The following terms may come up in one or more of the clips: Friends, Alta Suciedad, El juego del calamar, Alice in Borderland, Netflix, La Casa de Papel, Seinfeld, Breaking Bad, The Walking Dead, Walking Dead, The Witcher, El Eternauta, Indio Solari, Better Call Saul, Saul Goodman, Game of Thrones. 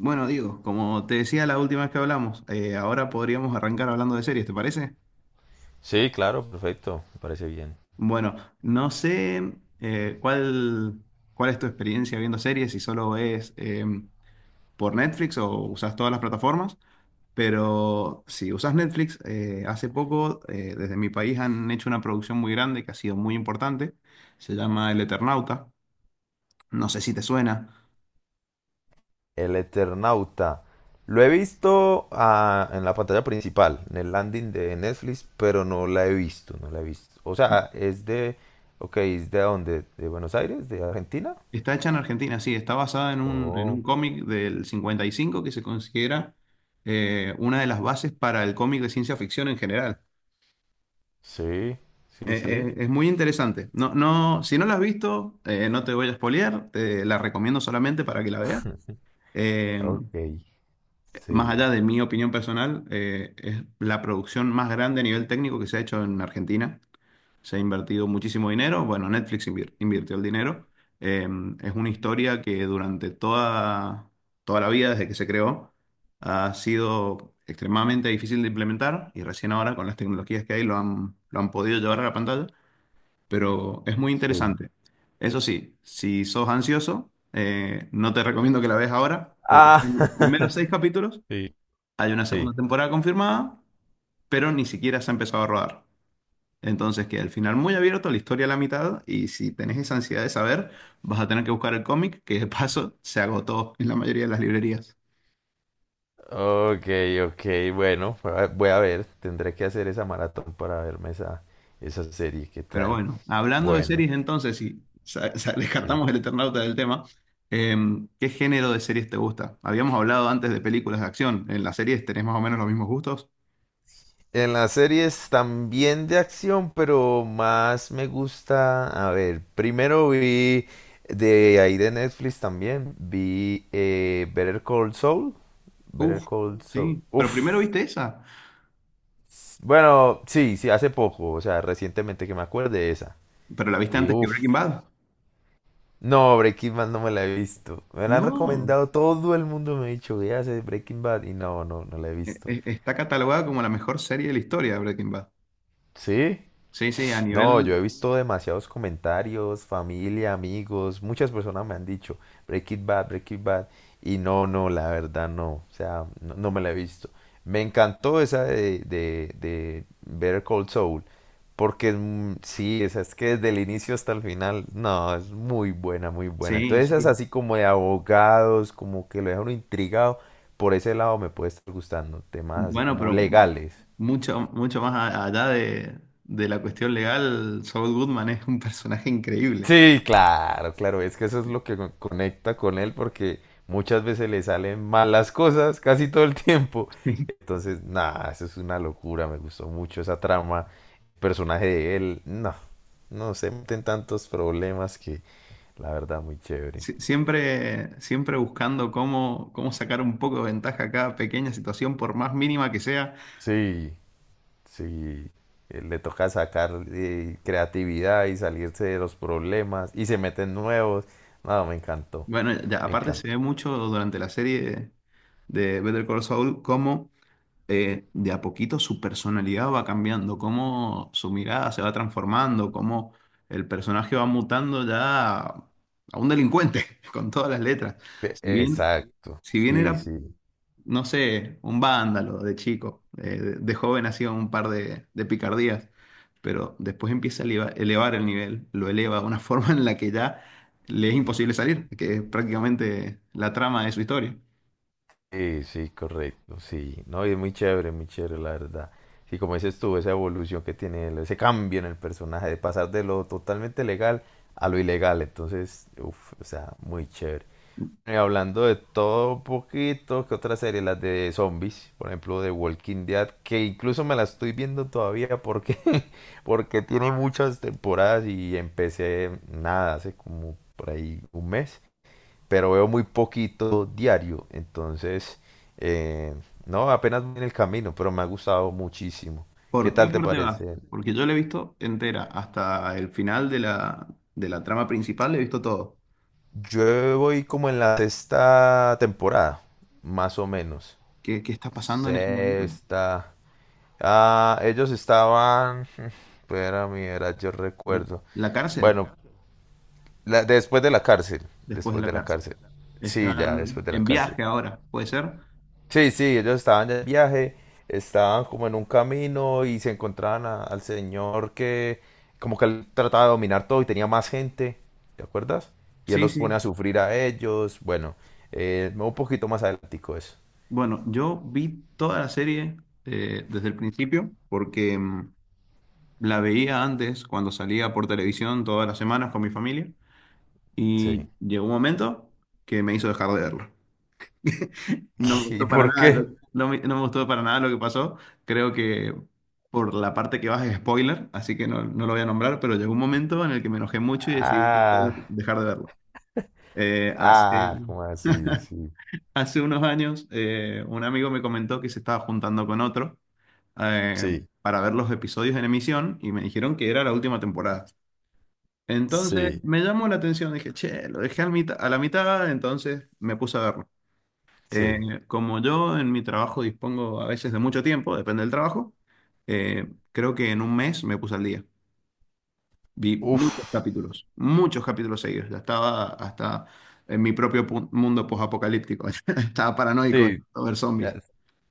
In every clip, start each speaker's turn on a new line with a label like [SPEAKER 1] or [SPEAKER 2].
[SPEAKER 1] Bueno, digo, como te decía la última vez que hablamos, ahora podríamos arrancar hablando de series, ¿te parece?
[SPEAKER 2] Sí, claro, perfecto, me parece bien.
[SPEAKER 1] Bueno, no sé eh, cuál, cuál es tu experiencia viendo series, si solo es por Netflix o usas todas las plataformas, pero si usas Netflix, hace poco desde mi país han hecho una producción muy grande que ha sido muy importante, se llama El Eternauta, no sé si te suena.
[SPEAKER 2] El Eternauta. Lo he visto en la pantalla principal, en el landing de Netflix, pero no la he visto, no la he visto. O sea, es de, ok, ¿es de dónde? ¿De Buenos Aires? ¿De Argentina?
[SPEAKER 1] Está hecha en Argentina, sí, está basada en en un
[SPEAKER 2] Oh,
[SPEAKER 1] cómic del 55 que se considera una de las bases para el cómic de ciencia ficción en general.
[SPEAKER 2] sí, sí, sí.
[SPEAKER 1] Es muy interesante. No, no, si no la has visto, no te voy a spoilear, te la recomiendo solamente para que la veas. Eh,
[SPEAKER 2] Ok,
[SPEAKER 1] más
[SPEAKER 2] sí,
[SPEAKER 1] allá de mi opinión personal, es la producción más grande a nivel técnico que se ha hecho en Argentina. Se ha invertido muchísimo dinero. Bueno, Netflix invirtió el dinero. Eh, es una historia que durante toda la vida, desde que se creó, ha sido extremadamente difícil de implementar y recién ahora con las tecnologías que hay lo han podido llevar a la pantalla, pero es muy
[SPEAKER 2] sí.
[SPEAKER 1] interesante. Eso sí, si sos ansioso, no te recomiendo que la veas ahora, porque
[SPEAKER 2] Ah,
[SPEAKER 1] en los primeros seis capítulos
[SPEAKER 2] Sí.
[SPEAKER 1] hay una
[SPEAKER 2] Sí.
[SPEAKER 1] segunda temporada confirmada, pero ni siquiera se ha empezado a rodar. Entonces, que al final muy abierto, la historia a la mitad, y si tenés esa ansiedad de saber, vas a tener que buscar el cómic, que de paso se agotó en la mayoría de las librerías.
[SPEAKER 2] Ok, ok, bueno, voy a voy a ver, tendré que hacer esa maratón para verme esa, esa serie, ¿qué
[SPEAKER 1] Pero
[SPEAKER 2] tal?
[SPEAKER 1] bueno, hablando de
[SPEAKER 2] Bueno,
[SPEAKER 1] series entonces, si
[SPEAKER 2] sí.
[SPEAKER 1] descartamos el Eternauta del tema, ¿qué género de series te gusta? Habíamos hablado antes de películas de acción, ¿en las series tenés más o menos los mismos gustos?
[SPEAKER 2] En las series también de acción, pero más me gusta. A ver, primero vi de ahí de Netflix también. Vi Better Call Saul. Better
[SPEAKER 1] Uf,
[SPEAKER 2] Call Saul.
[SPEAKER 1] sí, pero primero
[SPEAKER 2] Uf.
[SPEAKER 1] viste esa,
[SPEAKER 2] Bueno, sí, sí, hace poco. O sea, recientemente que me acuerde esa.
[SPEAKER 1] pero la viste
[SPEAKER 2] Y
[SPEAKER 1] antes que
[SPEAKER 2] uf.
[SPEAKER 1] Breaking Bad.
[SPEAKER 2] No, Breaking Bad no me la he visto. Me la han
[SPEAKER 1] No,
[SPEAKER 2] recomendado, todo el mundo me ha dicho, ¿que hace Breaking Bad? Y no, no, no la he visto.
[SPEAKER 1] está catalogada como la mejor serie de la historia de Breaking Bad.
[SPEAKER 2] ¿Sí?
[SPEAKER 1] Sí, sí, a
[SPEAKER 2] No, yo
[SPEAKER 1] nivel,
[SPEAKER 2] he visto demasiados comentarios, familia, amigos, muchas personas me han dicho Break It Bad, Break It Bad, y no, no, la verdad no, o sea, no, no me la he visto. Me encantó esa de Better Call Saul, porque es sí, esa es que desde el inicio hasta el final, no, es muy buena, muy buena.
[SPEAKER 1] sí,
[SPEAKER 2] Entonces esa es
[SPEAKER 1] sí.
[SPEAKER 2] así como de abogados, como que lo deja uno intrigado, por ese lado me puede estar gustando, temas así
[SPEAKER 1] Bueno,
[SPEAKER 2] como
[SPEAKER 1] pero
[SPEAKER 2] legales.
[SPEAKER 1] mucho más allá de la cuestión legal, Saul Goodman es un personaje increíble.
[SPEAKER 2] Sí, claro, claro, es que eso es lo que conecta con él porque muchas veces le salen malas cosas casi todo el tiempo. Entonces, nada, eso es una locura, me gustó mucho esa trama, el personaje de él, no, no se meten tantos problemas que la verdad muy chévere.
[SPEAKER 1] Sí. Siempre, siempre buscando cómo, cómo sacar un poco de ventaja a cada pequeña situación, por más mínima que sea.
[SPEAKER 2] Sí, sí, le toca sacar creatividad y salirse de los problemas y se meten nuevos. No, me encantó,
[SPEAKER 1] Bueno,
[SPEAKER 2] me
[SPEAKER 1] aparte se
[SPEAKER 2] encantó.
[SPEAKER 1] ve mucho durante la serie de Better Call Saul cómo de a poquito su personalidad va cambiando, cómo su mirada se va transformando, cómo el personaje va mutando ya a un delincuente con todas las letras. Si bien,
[SPEAKER 2] Exacto,
[SPEAKER 1] si bien
[SPEAKER 2] sí,
[SPEAKER 1] era,
[SPEAKER 2] sí.
[SPEAKER 1] no sé, un vándalo de chico, de joven hacía un par de picardías, pero después empieza a elevar el nivel, lo eleva de una forma en la que ya le es imposible salir, que es prácticamente la trama de su historia.
[SPEAKER 2] Sí, sí, correcto, sí. No, y es muy chévere, la verdad. Sí, como dices tú, esa evolución que tiene él, ese cambio en el personaje, de pasar de lo totalmente legal a lo ilegal. Entonces, uff, o sea, muy chévere. Y hablando de todo un poquito, ¿qué otra serie? Las de zombies, por ejemplo, de Walking Dead, que incluso me la estoy viendo todavía porque, porque tiene muchas temporadas y empecé nada, hace como por ahí un mes, pero veo muy poquito diario, entonces, eh, no, apenas voy en el camino, pero me ha gustado muchísimo. ¿Qué
[SPEAKER 1] ¿Por qué
[SPEAKER 2] tal te
[SPEAKER 1] parte vas?
[SPEAKER 2] parece?
[SPEAKER 1] Porque yo la he visto entera, hasta el final de la trama principal, he visto todo.
[SPEAKER 2] Yo voy como en la sexta temporada, más o menos.
[SPEAKER 1] ¿Qué, qué está pasando en ese momento?
[SPEAKER 2] Sexta. Ah, ellos estaban. Espera, mira, yo recuerdo.
[SPEAKER 1] La cárcel,
[SPEAKER 2] Bueno, después de la cárcel.
[SPEAKER 1] después de
[SPEAKER 2] Después
[SPEAKER 1] la
[SPEAKER 2] de la
[SPEAKER 1] cárcel.
[SPEAKER 2] cárcel. Sí, ya,
[SPEAKER 1] Están
[SPEAKER 2] después de la
[SPEAKER 1] en
[SPEAKER 2] cárcel.
[SPEAKER 1] viaje ahora, ¿puede ser?
[SPEAKER 2] Sí, sí, ellos estaban de viaje, estaban como en un camino y se encontraban al señor que, como que él trataba de dominar todo y tenía más gente, ¿te acuerdas? Y él
[SPEAKER 1] Sí,
[SPEAKER 2] los
[SPEAKER 1] sí.
[SPEAKER 2] pone a sufrir a ellos, bueno, un poquito más adelantico eso.
[SPEAKER 1] Bueno, yo vi toda la serie desde el principio porque la veía antes cuando salía por televisión todas las semanas con mi familia y
[SPEAKER 2] Sí.
[SPEAKER 1] llegó un momento que me hizo dejar de verlo. No me
[SPEAKER 2] ¿Y
[SPEAKER 1] gustó para
[SPEAKER 2] por
[SPEAKER 1] nada,
[SPEAKER 2] qué?
[SPEAKER 1] no me, no me gustó para nada lo que pasó. Creo que por la parte que vas es spoiler, así que no, no lo voy a nombrar, pero llegó un momento en el que me enojé mucho y decidí
[SPEAKER 2] Ah,
[SPEAKER 1] dejar de verlo. Eh, hace,
[SPEAKER 2] ah, ¿cómo así? Sí,
[SPEAKER 1] hace unos años, un amigo me comentó que se estaba juntando con otro eh,
[SPEAKER 2] sí,
[SPEAKER 1] para ver los episodios en emisión y me dijeron que era la última temporada. Entonces
[SPEAKER 2] sí.
[SPEAKER 1] me llamó la atención, dije, che, lo dejé al a la mitad, entonces me puse a verlo. Eh,
[SPEAKER 2] Sí.
[SPEAKER 1] como yo en mi trabajo dispongo a veces de mucho tiempo, depende del trabajo, creo que en un mes me puse al día. Vi
[SPEAKER 2] Uf.
[SPEAKER 1] muchos capítulos seguidos. Ya estaba hasta en mi propio mundo posapocalíptico. Estaba paranoico de
[SPEAKER 2] Sí,
[SPEAKER 1] tanto ver
[SPEAKER 2] ya,
[SPEAKER 1] zombies.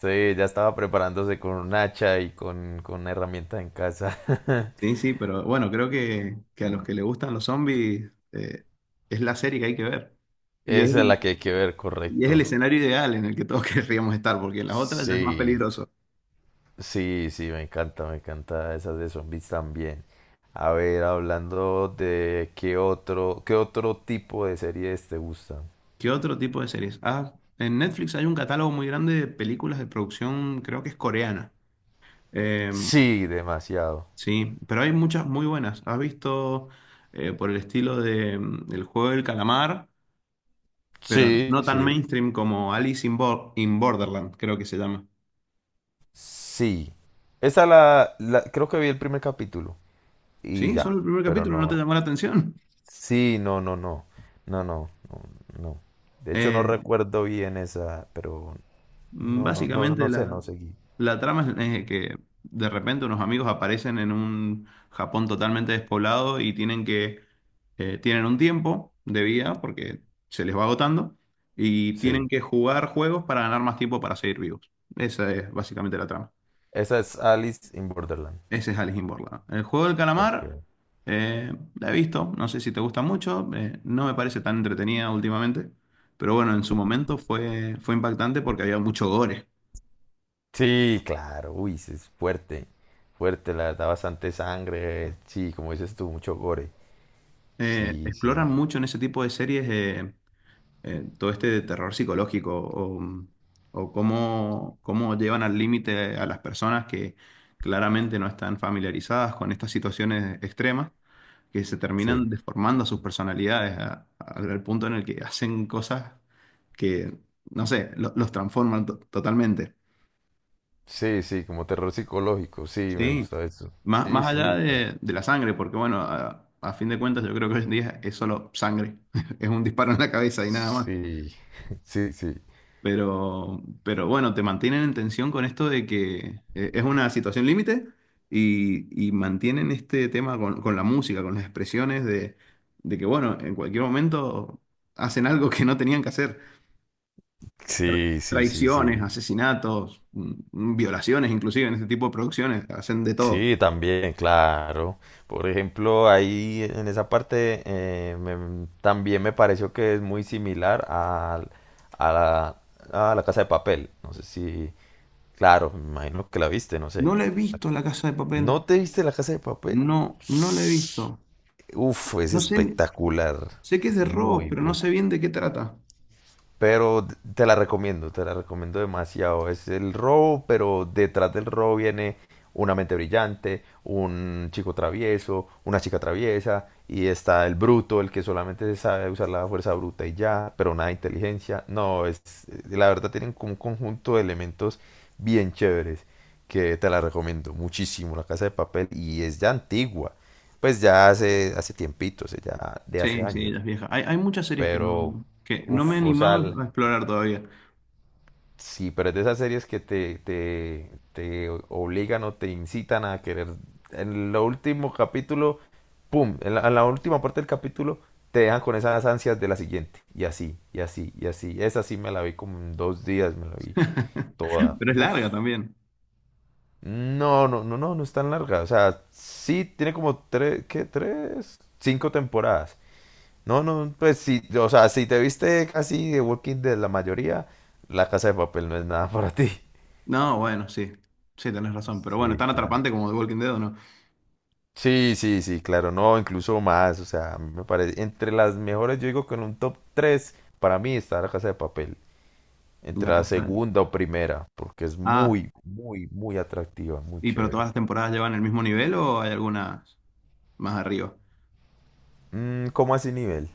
[SPEAKER 2] sí, ya estaba preparándose con un hacha y con una herramienta en casa.
[SPEAKER 1] Sí, sí, pero bueno, creo que a los que les gustan los zombies es la serie que hay que ver. Y es
[SPEAKER 2] Esa es
[SPEAKER 1] el,
[SPEAKER 2] la que hay que ver,
[SPEAKER 1] y es el
[SPEAKER 2] correcto.
[SPEAKER 1] escenario ideal en el que todos querríamos estar, porque en las otras ya es más
[SPEAKER 2] Sí,
[SPEAKER 1] peligroso.
[SPEAKER 2] sí, sí, me encanta esas de zombies también. A ver, hablando de qué otro tipo de series te gustan.
[SPEAKER 1] ¿Qué otro tipo de series? Ah, en Netflix hay un catálogo muy grande de películas de producción, creo que es coreana. Eh,
[SPEAKER 2] Sí, demasiado.
[SPEAKER 1] sí, pero hay muchas muy buenas. ¿Has visto por el estilo de El juego del calamar? Pero
[SPEAKER 2] Sí,
[SPEAKER 1] no tan
[SPEAKER 2] sí,
[SPEAKER 1] mainstream como in Borderland, creo que se llama.
[SPEAKER 2] sí. Esa creo que vi el primer capítulo y
[SPEAKER 1] Sí,
[SPEAKER 2] ya,
[SPEAKER 1] solo el primer
[SPEAKER 2] pero
[SPEAKER 1] capítulo, ¿no te
[SPEAKER 2] no.
[SPEAKER 1] llamó la atención?
[SPEAKER 2] Sí, no, no, no, no, no, no, no. De hecho, no
[SPEAKER 1] Eh,
[SPEAKER 2] recuerdo bien esa, pero no, no, no,
[SPEAKER 1] Básicamente
[SPEAKER 2] no sé, no seguí.
[SPEAKER 1] la trama es que de repente unos amigos aparecen en un Japón totalmente despoblado y tienen que tienen un tiempo de vida porque se les va agotando y
[SPEAKER 2] Sí.
[SPEAKER 1] tienen que jugar juegos para ganar más tiempo para seguir vivos. Esa es básicamente la trama.
[SPEAKER 2] Esa es Alice in Borderland.
[SPEAKER 1] Ese es Alice in Borderland. El juego del
[SPEAKER 2] Ok.
[SPEAKER 1] calamar eh, la he visto, no sé si te gusta mucho, no me parece tan entretenida últimamente, pero bueno, en su momento fue impactante porque había mucho gore.
[SPEAKER 2] Sí, claro. Uy, sí, es fuerte. Fuerte, la verdad, bastante sangre. Sí, como dices tú, mucho gore. Sí, sí.
[SPEAKER 1] Exploran mucho en ese tipo de series todo este de terror psicológico o cómo, cómo llevan al límite a las personas que claramente no están familiarizadas con estas situaciones extremas, que se terminan
[SPEAKER 2] Sí.
[SPEAKER 1] deformando sus personalidades al punto en el que hacen cosas que, no sé, los transforman totalmente.
[SPEAKER 2] Sí, sí, como terror psicológico. Sí, me
[SPEAKER 1] Sí,
[SPEAKER 2] gusta eso.
[SPEAKER 1] más,
[SPEAKER 2] Sí,
[SPEAKER 1] más
[SPEAKER 2] sí,
[SPEAKER 1] allá
[SPEAKER 2] está.
[SPEAKER 1] de la sangre, porque bueno, a fin de cuentas yo creo que hoy en día es solo sangre, es un disparo en la cabeza y nada más.
[SPEAKER 2] Sí. Sí, sí.
[SPEAKER 1] Pero bueno, te mantienen en tensión con esto de que es una situación límite y mantienen este tema con la música, con las expresiones de que, bueno, en cualquier momento hacen algo que no tenían que hacer.
[SPEAKER 2] Sí, sí, sí,
[SPEAKER 1] Traiciones,
[SPEAKER 2] sí.
[SPEAKER 1] asesinatos, violaciones, inclusive en este tipo de producciones, hacen de todo.
[SPEAKER 2] Sí, también, claro. Por ejemplo, ahí en esa parte también me pareció que es muy similar a, la, a la Casa de Papel. No sé si, claro, me imagino que la viste, no
[SPEAKER 1] No
[SPEAKER 2] sé.
[SPEAKER 1] la he visto La Casa de Papel.
[SPEAKER 2] ¿No te viste la Casa de Papel?
[SPEAKER 1] No, no la he visto.
[SPEAKER 2] Uf, es
[SPEAKER 1] No sé,
[SPEAKER 2] espectacular.
[SPEAKER 1] sé que es
[SPEAKER 2] Es
[SPEAKER 1] de robos,
[SPEAKER 2] muy
[SPEAKER 1] pero no
[SPEAKER 2] bueno.
[SPEAKER 1] sé bien de qué trata.
[SPEAKER 2] Pero te la recomiendo demasiado. Es el robo, pero detrás del robo viene una mente brillante, un chico travieso, una chica traviesa, y está el bruto, el que solamente sabe usar la fuerza bruta y ya, pero nada de inteligencia. No, es, la verdad tienen como un conjunto de elementos bien chéveres que te la recomiendo muchísimo, La Casa de Papel, y es ya antigua, pues ya hace, hace tiempitos ya de hace
[SPEAKER 1] Sí, sí,
[SPEAKER 2] años,
[SPEAKER 1] las viejas. Hay muchas series
[SPEAKER 2] pero,
[SPEAKER 1] que no me he
[SPEAKER 2] uff, o sea,
[SPEAKER 1] animado a explorar todavía.
[SPEAKER 2] sí, pero es de esas series que te, te obligan o te incitan a querer. En el último capítulo, pum, en la última parte del capítulo, te dejan con esas ansias de la siguiente. Y así, y así, y así. Esa sí me la vi como en dos días, me la vi toda.
[SPEAKER 1] Pero es
[SPEAKER 2] Uf.
[SPEAKER 1] larga también.
[SPEAKER 2] No, no, no, no, no es tan larga. O sea, sí tiene como tres, ¿qué? Tres, cinco temporadas. No, no, pues sí, o sea, si te viste casi de Walking Dead la mayoría, La Casa de Papel no es nada para ti.
[SPEAKER 1] No, bueno, sí. Sí, tenés razón. Pero bueno, ¿es
[SPEAKER 2] Sí,
[SPEAKER 1] tan
[SPEAKER 2] claro.
[SPEAKER 1] atrapante como The Walking Dead o no?
[SPEAKER 2] Sí, sí, sí, claro, no, incluso más, o sea, a mí me parece, entre las mejores, yo digo que en un top 3 para mí está La Casa de Papel,
[SPEAKER 1] La
[SPEAKER 2] entre la
[SPEAKER 1] casa.
[SPEAKER 2] segunda o primera, porque es
[SPEAKER 1] Ah,
[SPEAKER 2] muy, muy, muy atractiva, muy
[SPEAKER 1] ¿y pero
[SPEAKER 2] chévere.
[SPEAKER 1] todas las temporadas llevan el mismo nivel o hay algunas más arriba?
[SPEAKER 2] Mm, ¿cómo así nivel?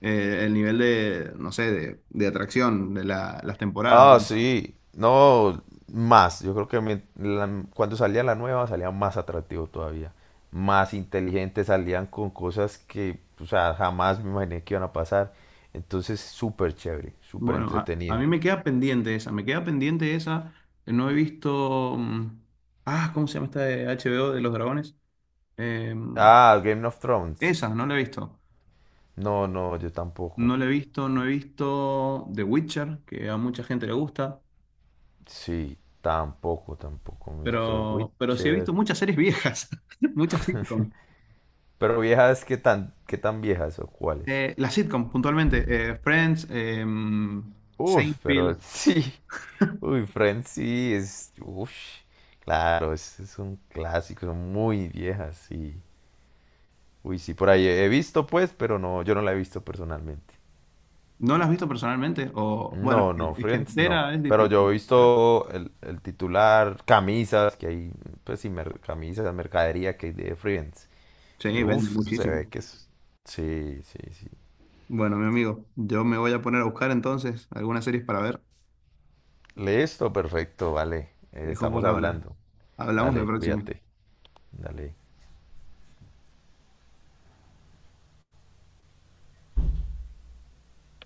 [SPEAKER 1] El nivel de, no sé, de atracción de las temporadas.
[SPEAKER 2] Ah, sí, no, más, yo creo que cuando salía la nueva salía más atractivo todavía, más inteligente, salían con cosas que, o sea, jamás me imaginé que iban a pasar, entonces súper chévere, súper
[SPEAKER 1] Bueno, a
[SPEAKER 2] entretenido.
[SPEAKER 1] mí me queda pendiente esa. Me queda pendiente esa. No he visto. Ah, ¿cómo se llama esta de HBO de los dragones? Em,
[SPEAKER 2] Ah, Game of Thrones.
[SPEAKER 1] Esa, no la he visto.
[SPEAKER 2] No, no, yo tampoco.
[SPEAKER 1] No la he visto, no he visto The Witcher, que a mucha gente le gusta,
[SPEAKER 2] Sí, tampoco, tampoco me he visto The
[SPEAKER 1] pero sí he visto
[SPEAKER 2] Witcher.
[SPEAKER 1] muchas series viejas, muchas sitcom.
[SPEAKER 2] Pero viejas, qué tan viejas o cuáles?
[SPEAKER 1] Las sitcom, puntualmente, Friends,
[SPEAKER 2] Uf, pero
[SPEAKER 1] Seinfeld.
[SPEAKER 2] sí. Uy, Friends sí es. Uf, claro, es un clásico, son muy viejas, sí. Uy, sí, por ahí he visto, pues, pero no, yo no la he visto personalmente.
[SPEAKER 1] ¿No las has visto personalmente? O, bueno,
[SPEAKER 2] No, no,
[SPEAKER 1] es que
[SPEAKER 2] Friends no.
[SPEAKER 1] entera es
[SPEAKER 2] Pero yo
[SPEAKER 1] difícil,
[SPEAKER 2] he
[SPEAKER 1] pero
[SPEAKER 2] visto el titular, camisas, que hay, pues sí, camisas, mercadería que hay de Friends. Y
[SPEAKER 1] sí,
[SPEAKER 2] yo,
[SPEAKER 1] vende
[SPEAKER 2] uf, eso se
[SPEAKER 1] muchísimo.
[SPEAKER 2] ve que es... Sí, sí, sí.
[SPEAKER 1] Bueno, mi amigo, yo me voy a poner a buscar entonces algunas series para ver.
[SPEAKER 2] Listo, perfecto, vale.
[SPEAKER 1] Te dejo por
[SPEAKER 2] Estamos
[SPEAKER 1] ahora.
[SPEAKER 2] hablando.
[SPEAKER 1] Hablamos la
[SPEAKER 2] Dale,
[SPEAKER 1] próxima.
[SPEAKER 2] cuídate. Dale.